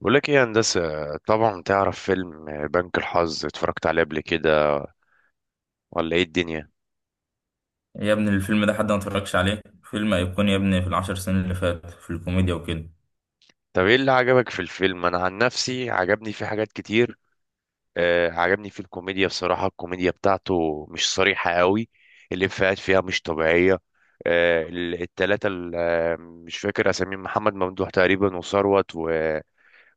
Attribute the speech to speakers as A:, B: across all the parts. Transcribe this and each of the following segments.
A: بقول لك ايه يا هندسة؟ طبعا تعرف فيلم بنك الحظ؟ اتفرجت عليه قبل كده ولا ايه الدنيا؟
B: يا ابني الفيلم ده حد ما اتفرجش عليه، فيلم أيقوني يا ابني في العشر سنين اللي فات في الكوميديا وكده.
A: طب ايه اللي عجبك في الفيلم؟ انا عن نفسي عجبني فيه حاجات كتير. آه، عجبني فيه الكوميديا. بصراحة الكوميديا بتاعته مش صريحة قوي، الإفيهات فيها مش طبيعية. التلاتة، مش فاكر اساميهم، محمد ممدوح تقريبا وثروت و...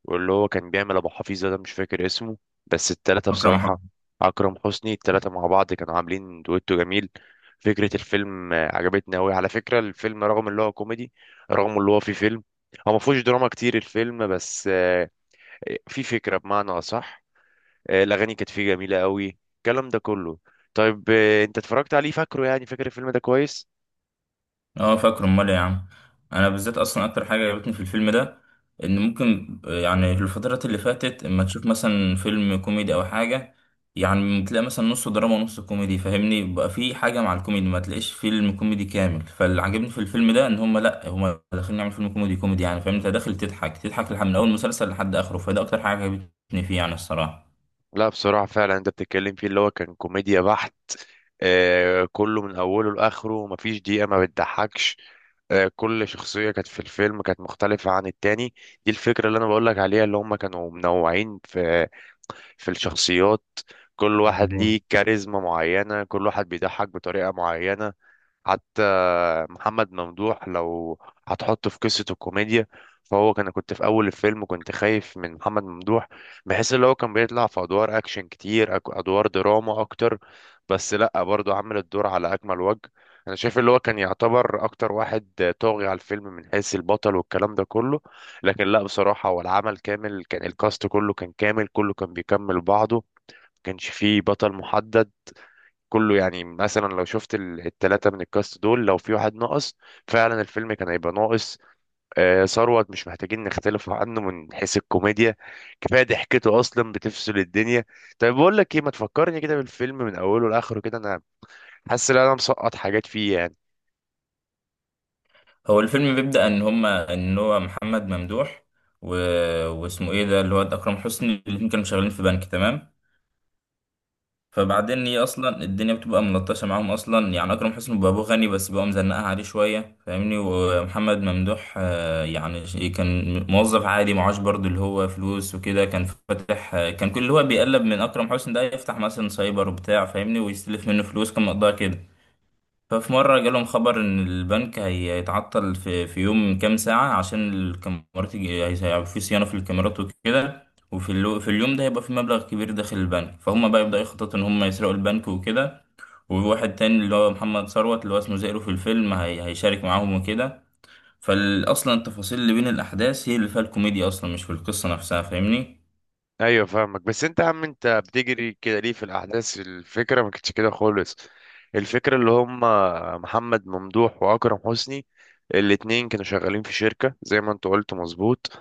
A: واللي هو كان بيعمل ابو حفيظه ده مش فاكر اسمه. بس التلاتة
B: أكرم
A: بصراحه،
B: حسني.
A: اكرم حسني، التلاتة مع بعض كانوا عاملين دويتو جميل. فكره الفيلم عجبتني قوي، على فكره الفيلم رغم اللي هو كوميدي، رغم اللي هو فيه فيلم، هو ما فيهوش دراما كتير الفيلم بس، في فكره بمعنى اصح. الاغاني كانت فيه جميله قوي، الكلام ده كله. طيب، انت اتفرجت عليه، فاكره يعني؟ فاكر الفيلم ده كويس؟
B: اه، فاكره. امال إيه يا عم؟ انا بالذات اصلا اكتر حاجه عجبتني في الفيلم ده ان ممكن يعني في الفترات اللي فاتت اما تشوف مثلا فيلم كوميدي او حاجه، يعني تلاقي مثلا نص دراما ونص كوميدي، فاهمني؟ بقى في حاجه مع الكوميدي ما تلاقيش فيلم كوميدي كامل، فاللي عجبني في الفيلم ده ان هم، لا، هم داخلين يعملوا فيلم كوميدي كوميدي، يعني فاهم انت داخل تضحك تضحك من اول مسلسل لحد اخره، فده اكتر حاجه عجبتني فيه يعني الصراحه.
A: لا بصراحة فعلا، انت بتتكلم فيه اللي هو كان كوميديا بحت، آه، كله من اوله لاخره مفيش دقيقة ما بتضحكش. كل شخصية كانت في الفيلم كانت مختلفة عن التاني. دي الفكرة اللي أنا بقولك عليها، اللي هم كانوا منوعين في الشخصيات. كل واحد
B: مظبوط.
A: ليه كاريزما معينة، كل واحد بيضحك بطريقة معينة. حتى محمد ممدوح لو هتحطه في قصة الكوميديا، فهو كنت في أول الفيلم كنت خايف من محمد ممدوح، بحيث اللي هو كان بيطلع في أدوار أكشن كتير، أدوار دراما أكتر، بس لأ، برضه عامل الدور على أكمل وجه. أنا شايف اللي هو كان يعتبر أكتر واحد طاغي على الفيلم من حيث البطل والكلام ده كله. لكن لأ، بصراحة هو العمل كامل كان، الكاست كله كان كامل، كله كان بيكمل بعضه. كانش فيه بطل محدد، كله يعني. مثلا لو شفت التلاتة من الكاست دول لو في واحد ناقص، فعلا الفيلم كان هيبقى ناقص. ثروت مش محتاجين نختلف عنه من حيث الكوميديا، كفاية ضحكته أصلا بتفصل الدنيا. طيب بقول لك إيه، ما تفكرني كده بالفيلم من أوله لآخره كده، أنا حاسس إن أنا مسقط حاجات فيه يعني.
B: هو الفيلم بيبدأ ان هو محمد ممدوح و... واسمه ايه ده اللي هو اكرم حسني، الاتنين كانوا شغالين في بنك، تمام؟ فبعدين هي اصلا الدنيا بتبقى ملطشه معاهم اصلا، يعني اكرم حسني بيبقى ابوه غني بس بيبقى مزنقها عليه شويه، فاهمني؟ ومحمد ممدوح يعني كان موظف عادي معاش برضه اللي هو فلوس وكده، كان فاتح كان كل اللي هو بيقلب من اكرم حسني ده يفتح مثلا سايبر وبتاع، فاهمني؟ ويستلف منه فلوس كان مقدار كده. ففي مرة جالهم خبر إن البنك هيتعطل في يوم كام ساعة عشان الكاميرات هيبقى في صيانة في الكاميرات وكده. في اليوم ده هيبقى في مبلغ كبير داخل البنك، فهم بقى يبدأوا يخططوا إن هم يسرقوا البنك وكده. وواحد تاني اللي هو محمد ثروت اللي هو اسمه زئرو في الفيلم هيشارك معاهم وكده. فأصلا التفاصيل اللي بين الأحداث هي اللي فيها الكوميديا أصلا، مش في القصة نفسها، فاهمني؟
A: ايوه فاهمك. بس انت يا عم، انت بتجري كده ليه في الاحداث؟ الفكره ما كانتش كده خالص. الفكره اللي هم محمد ممدوح واكرم حسني، الاتنين كانوا شغالين في شركه زي ما انت قلت، مظبوط.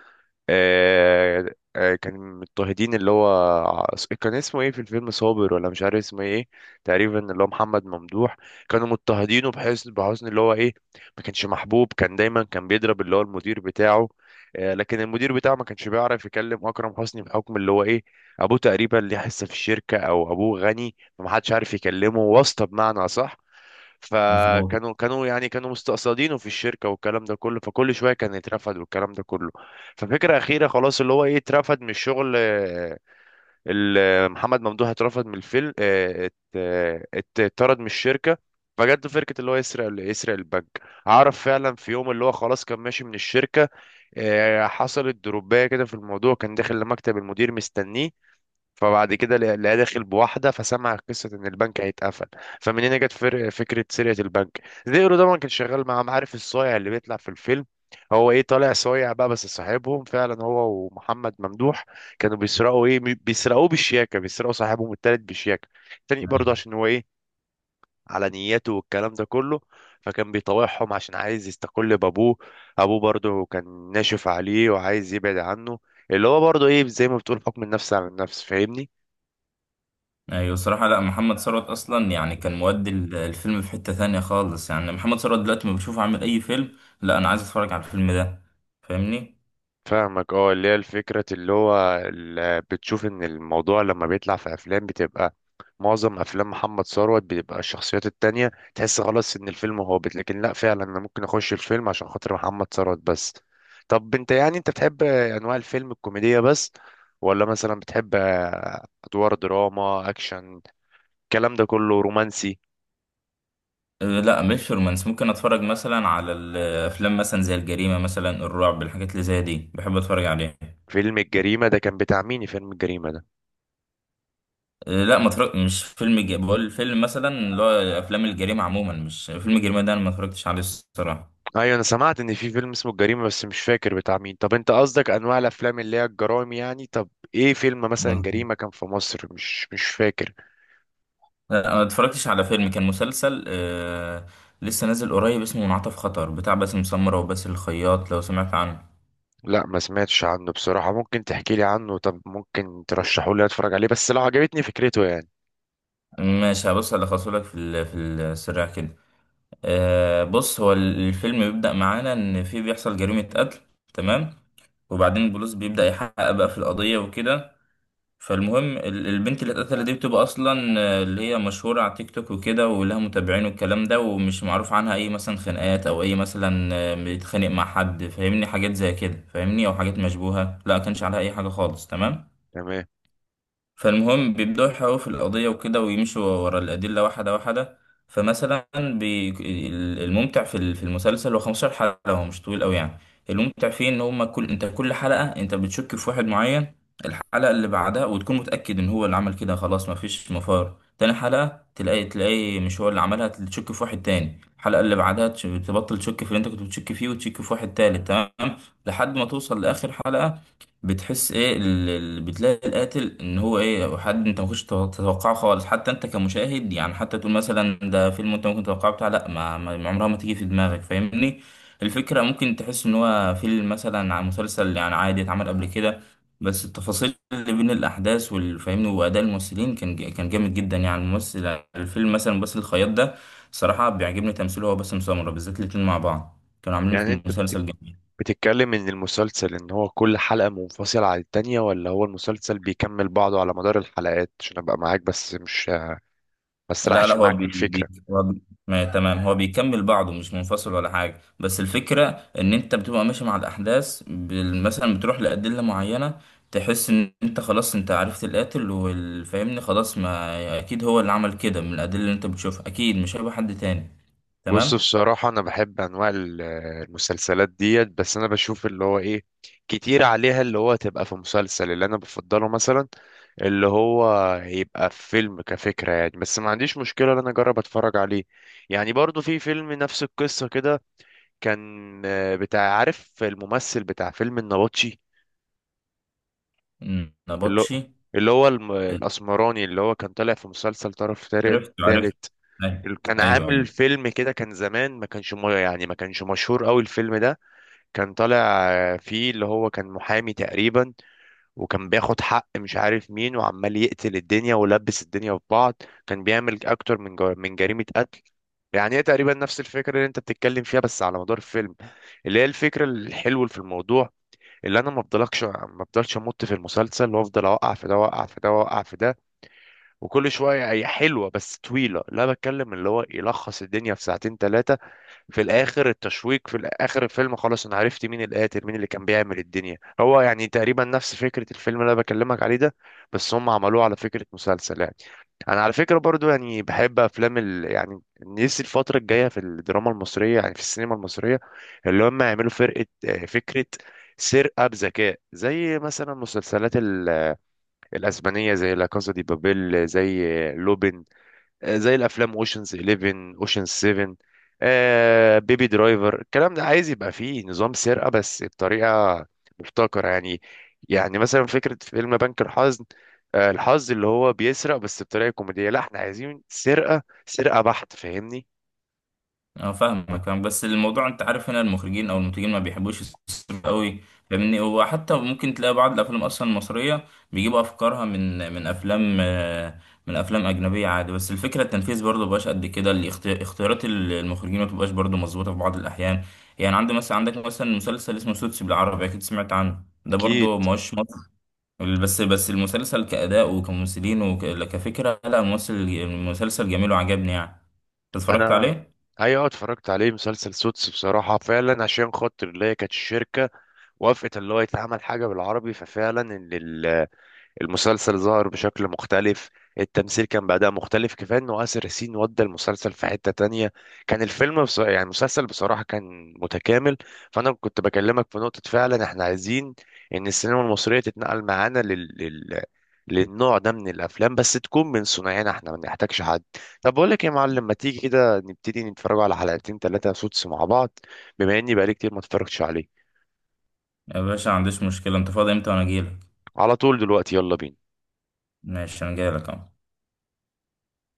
A: آه كانوا مضطهدين. ع- كان اسمه ايه في الفيلم؟ صابر ولا مش عارف اسمه ايه، تقريبا اللي هو محمد ممدوح. كانوا مضطهدينه بحسن اللي هو ايه، ما كانش محبوب، كان دايما كان بيضرب اللي هو المدير بتاعه. لكن المدير بتاعه ما كانش بيعرف يكلم اكرم حسني بحكم اللي هو ايه، ابوه تقريبا ليه حصه في الشركه او ابوه غني، فمحدش عارف يكلمه، واسطه بمعنى صح.
B: مظبوط.
A: فكانوا كانوا يعني كانوا مستقصدينه في الشركه والكلام ده كله، فكل شويه كان يترفد والكلام ده كله. ففكره اخيره خلاص اللي هو ايه، اترفد من الشغل. محمد ممدوح اترفد من الفيلم، اتطرد من الشركه. فجت له فكره اللي هو يسرق البنك. عرف فعلا في يوم اللي هو خلاص كان ماشي من الشركه. حصلت دروبايه كده في الموضوع، كان داخل لمكتب المدير مستنيه. فبعد كده لقى داخل بواحده، فسمع قصه ان البنك هيتقفل. فمن هنا جت فكره سرقه البنك. زيرو ده كان شغال معاهم، عارف الصايع اللي بيطلع في الفيلم، هو ايه طالع صايع بقى، بس صاحبهم فعلا هو ومحمد ممدوح. كانوا بيسرقوا ايه، بيسرقوه بالشياكه، بيسرقوا صاحبهم التالت بالشياكه تاني برضه عشان هو ايه، على نيته والكلام ده كله. فكان بيطاوعهم عشان عايز يستقل بابوه، ابوه برضه كان ناشف عليه وعايز يبعد عنه، اللي هو برضه ايه زي ما بتقول حكم النفس على النفس، فاهمني؟
B: ايوه الصراحة، لا، محمد ثروت اصلا يعني كان مودي الفيلم في حتة تانية خالص، يعني محمد ثروت دلوقتي ما بشوفه عامل اي فيلم، لا انا عايز اتفرج على الفيلم ده، فاهمني.
A: فاهمك. اه، اللي هي الفكرة اللي هو بتشوف ان الموضوع لما بيطلع في افلام بتبقى، معظم افلام محمد ثروت بتبقى الشخصيات التانية تحس خلاص ان الفيلم هابط، لكن لا فعلا انا ممكن اخش الفيلم عشان خاطر محمد ثروت بس. طب انت يعني، انت بتحب انواع الفيلم الكوميدية بس، ولا مثلا بتحب ادوار دراما اكشن الكلام ده كله، رومانسي؟
B: أه لا مش رومانس، ممكن اتفرج مثلا على الافلام مثلا زي الجريمة مثلا الرعب، الحاجات اللي زي دي بحب اتفرج عليها.
A: فيلم الجريمة ده كان بتاع مين؟ فيلم الجريمة ده،
B: أه لا ما اتفرج مش فيلم بقول فيلم مثلا اللي هو افلام الجريمة عموما، مش فيلم الجريمة ده انا ما اتفرجتش عليه الصراحة.
A: ايوه انا سمعت ان في فيلم اسمه الجريمه بس مش فاكر بتاع مين. طب انت قصدك انواع الافلام اللي هي الجرائم يعني؟ طب ايه فيلم مثلا جريمه كان في مصر؟ مش فاكر.
B: لا، انا اتفرجتش على فيلم، كان مسلسل لسه نازل قريب، اسمه منعطف خطر بتاع باسم سمرة وباسل الخياط، لو سمعت عنه.
A: لا ما سمعتش عنه بصراحه، ممكن تحكي لي عنه؟ طب ممكن ترشحه لي اتفرج عليه، بس لو عجبتني فكرته يعني.
B: ماشي، هبص الخصه لك في في السريع كده. بص، هو الفيلم بيبدأ معانا ان في بيحصل جريمة قتل، تمام؟ وبعدين البوليس بيبدأ يحقق بقى في القضية وكده. فالمهم البنت اللي اتقتلت دي بتبقى اصلا اللي هي مشهوره على تيك توك وكده ولها متابعين والكلام ده، ومش معروف عنها اي مثلا خناقات او اي مثلا بتتخانق مع حد، فاهمني؟ حاجات زي كده، فاهمني؟ او حاجات مشبوهه، لا كانش عليها اي حاجه خالص، تمام.
A: تمام.
B: فالمهم بيبدأوا يحققوا في القضية وكده، ويمشوا ورا الأدلة واحدة واحدة. فمثلا الممتع في في المسلسل، هو 15 حلقة، هو مش طويل قوي يعني. الممتع فيه إن هما كل حلقة أنت بتشك في واحد معين، الحلقة اللي بعدها وتكون متأكد إن هو اللي عمل كده خلاص مفيش مفار، تاني حلقة تلاقي مش هو اللي عملها، تشك في واحد تاني، الحلقة اللي بعدها تبطل تشك في اللي أنت كنت بتشك فيه وتشك في واحد تالت، تمام؟ لحد ما توصل لآخر حلقة، بتحس ايه بتلاقي القاتل ان هو ايه حد انت ما كنتش تتوقعه خالص، حتى انت كمشاهد يعني، حتى تقول مثلا ده فيلم انت ممكن تتوقعه بتاع، لا عمرها ما تيجي في دماغك، فاهمني؟ الفكرة ممكن تحس ان هو فيلم مثلا عن مسلسل يعني عادي اتعمل قبل كده، بس التفاصيل اللي بين الاحداث والفاهمني واداء الممثلين كان جامد جدا يعني. الممثل الفيلم مثلا باسل الخياط ده صراحة بيعجبني تمثيله، هو باسم سمرة بالذات الاتنين مع بعض كانوا عاملين
A: يعني
B: في
A: انت
B: مسلسل جامد.
A: بتتكلم ان المسلسل ان هو كل حلقه منفصله عن التانية، ولا هو المسلسل بيكمل بعضه على مدار الحلقات؟ عشان ابقى معاك بس مش، ما
B: لا، لا،
A: اسرحش
B: هو
A: معاك في
B: بي بي
A: الفكره.
B: هو بي ما تمام، هو بيكمل بعضه مش منفصل ولا حاجة، بس الفكرة ان انت بتبقى ماشي مع الاحداث مثلا بتروح لأدلة معينة، تحس ان انت خلاص انت عرفت القاتل والفاهمني خلاص، ما اكيد هو اللي عمل كده من الأدلة اللي انت بتشوفها، اكيد مش هيبقى حد تاني،
A: بص
B: تمام.
A: بصراحة أنا بحب أنواع المسلسلات ديت، بس أنا بشوف اللي هو إيه، كتير عليها اللي هو تبقى في مسلسل. اللي أنا بفضله مثلا اللي هو يبقى في فيلم كفكرة يعني، بس ما عنديش مشكلة إن أنا أجرب أتفرج عليه. يعني برضو في فيلم نفس القصة كده، كان بتاع، عارف الممثل بتاع فيلم النبطشي،
B: مم.
A: اللي هو
B: نبطشي.
A: الأسمراني، اللي هو كان طالع في مسلسل طرف طارق
B: عرفت، عرفت.
A: الثالث. كان
B: ايوه.
A: عامل
B: ايوه.
A: فيلم كده كان زمان، ما كانش يعني ما كانش مشهور قوي الفيلم ده. كان طالع فيه، اللي هو كان محامي تقريبا، وكان بياخد حق مش عارف مين، وعمال يقتل الدنيا ولبس الدنيا في بعض، كان بيعمل اكتر من جريمة قتل. يعني هي تقريبا نفس الفكرة اللي انت بتتكلم فيها، بس على مدار الفيلم، اللي هي الفكرة الحلوة في الموضوع، اللي انا ما بفضلش امط في المسلسل وافضل اوقع في ده واوقع في ده واوقع في ده، وكل شوية، هي حلوة بس طويلة، لا بتكلم اللي هو يلخص الدنيا في ساعتين ثلاثة. في الاخر التشويق في اخر الفيلم خلاص، انا عرفت مين القاتل، مين اللي كان بيعمل الدنيا، هو يعني تقريبا نفس فكرة الفيلم اللي انا بكلمك عليه ده، بس هم عملوه على فكرة مسلسل يعني. انا على فكرة برضو يعني بحب افلام يعني نفسي الفترة الجاية في الدراما المصرية، يعني في السينما المصرية، اللي هم يعملوا فرقة، فكرة سرقة بذكاء، زي مثلا مسلسلات الأسبانية، زي لا كازا دي بابيل، زي لوبين، زي الافلام اوشنز 11، اوشنز 7، بيبي درايفر الكلام ده، عايز يبقى فيه نظام سرقه بس بطريقه مبتكره يعني. يعني مثلا فكره فيلم بنك الحظ، الحظ اللي هو بيسرق بس بطريقه كوميديه، لا احنا عايزين سرقه بحت، فاهمني؟
B: اه فاهمك، فاهم، بس الموضوع انت عارف هنا المخرجين او المنتجين ما بيحبوش يصرفوا قوي، فاهمني؟ وحتى ممكن تلاقي بعض الافلام اصلا المصريه بيجيبوا افكارها من افلام من افلام اجنبيه عادي، بس الفكره التنفيذ برضه مبقاش قد كده، اختيارات المخرجين ما بتبقاش برضه مظبوطه في بعض الاحيان. يعني عندك مثلا مسلسل اسمه سوتس بالعربي، اكيد سمعت عنه، ده
A: اكيد.
B: برضه ماهوش مصر، بس المسلسل كاداء وكممثلين وكفكره، لا الممثل المسلسل جميل وعجبني يعني، اتفرجت
A: انا،
B: عليه.
A: ايوه اتفرجت عليه مسلسل سوتس بصراحه، فعلا عشان خاطر اللي هي كانت الشركه وافقت اللي هو يتعمل حاجه بالعربي، ففعلا المسلسل ظهر بشكل مختلف، التمثيل كان بعدها مختلف، كفاية انه آسر ياسين ودى المسلسل في حتة تانية. كان يعني المسلسل بصراحة كان متكامل. فانا كنت بكلمك في نقطة، فعلا احنا عايزين ان السينما المصرية تتنقل معانا للنوع ده من الافلام، بس تكون من صناعنا احنا، ما نحتاجش حد. طب بقول لك إيه يا معلم، ما تيجي كده نبتدي نتفرج على حلقتين ثلاثة سوتس مع بعض، بما اني بقالي كتير ما اتفرجتش عليه.
B: يا باشا ما عنديش مشكلة، انت فاضي امتى وانا اجيلك؟
A: على طول دلوقتي، يلا بينا.
B: ماشي انا جايلك اهو.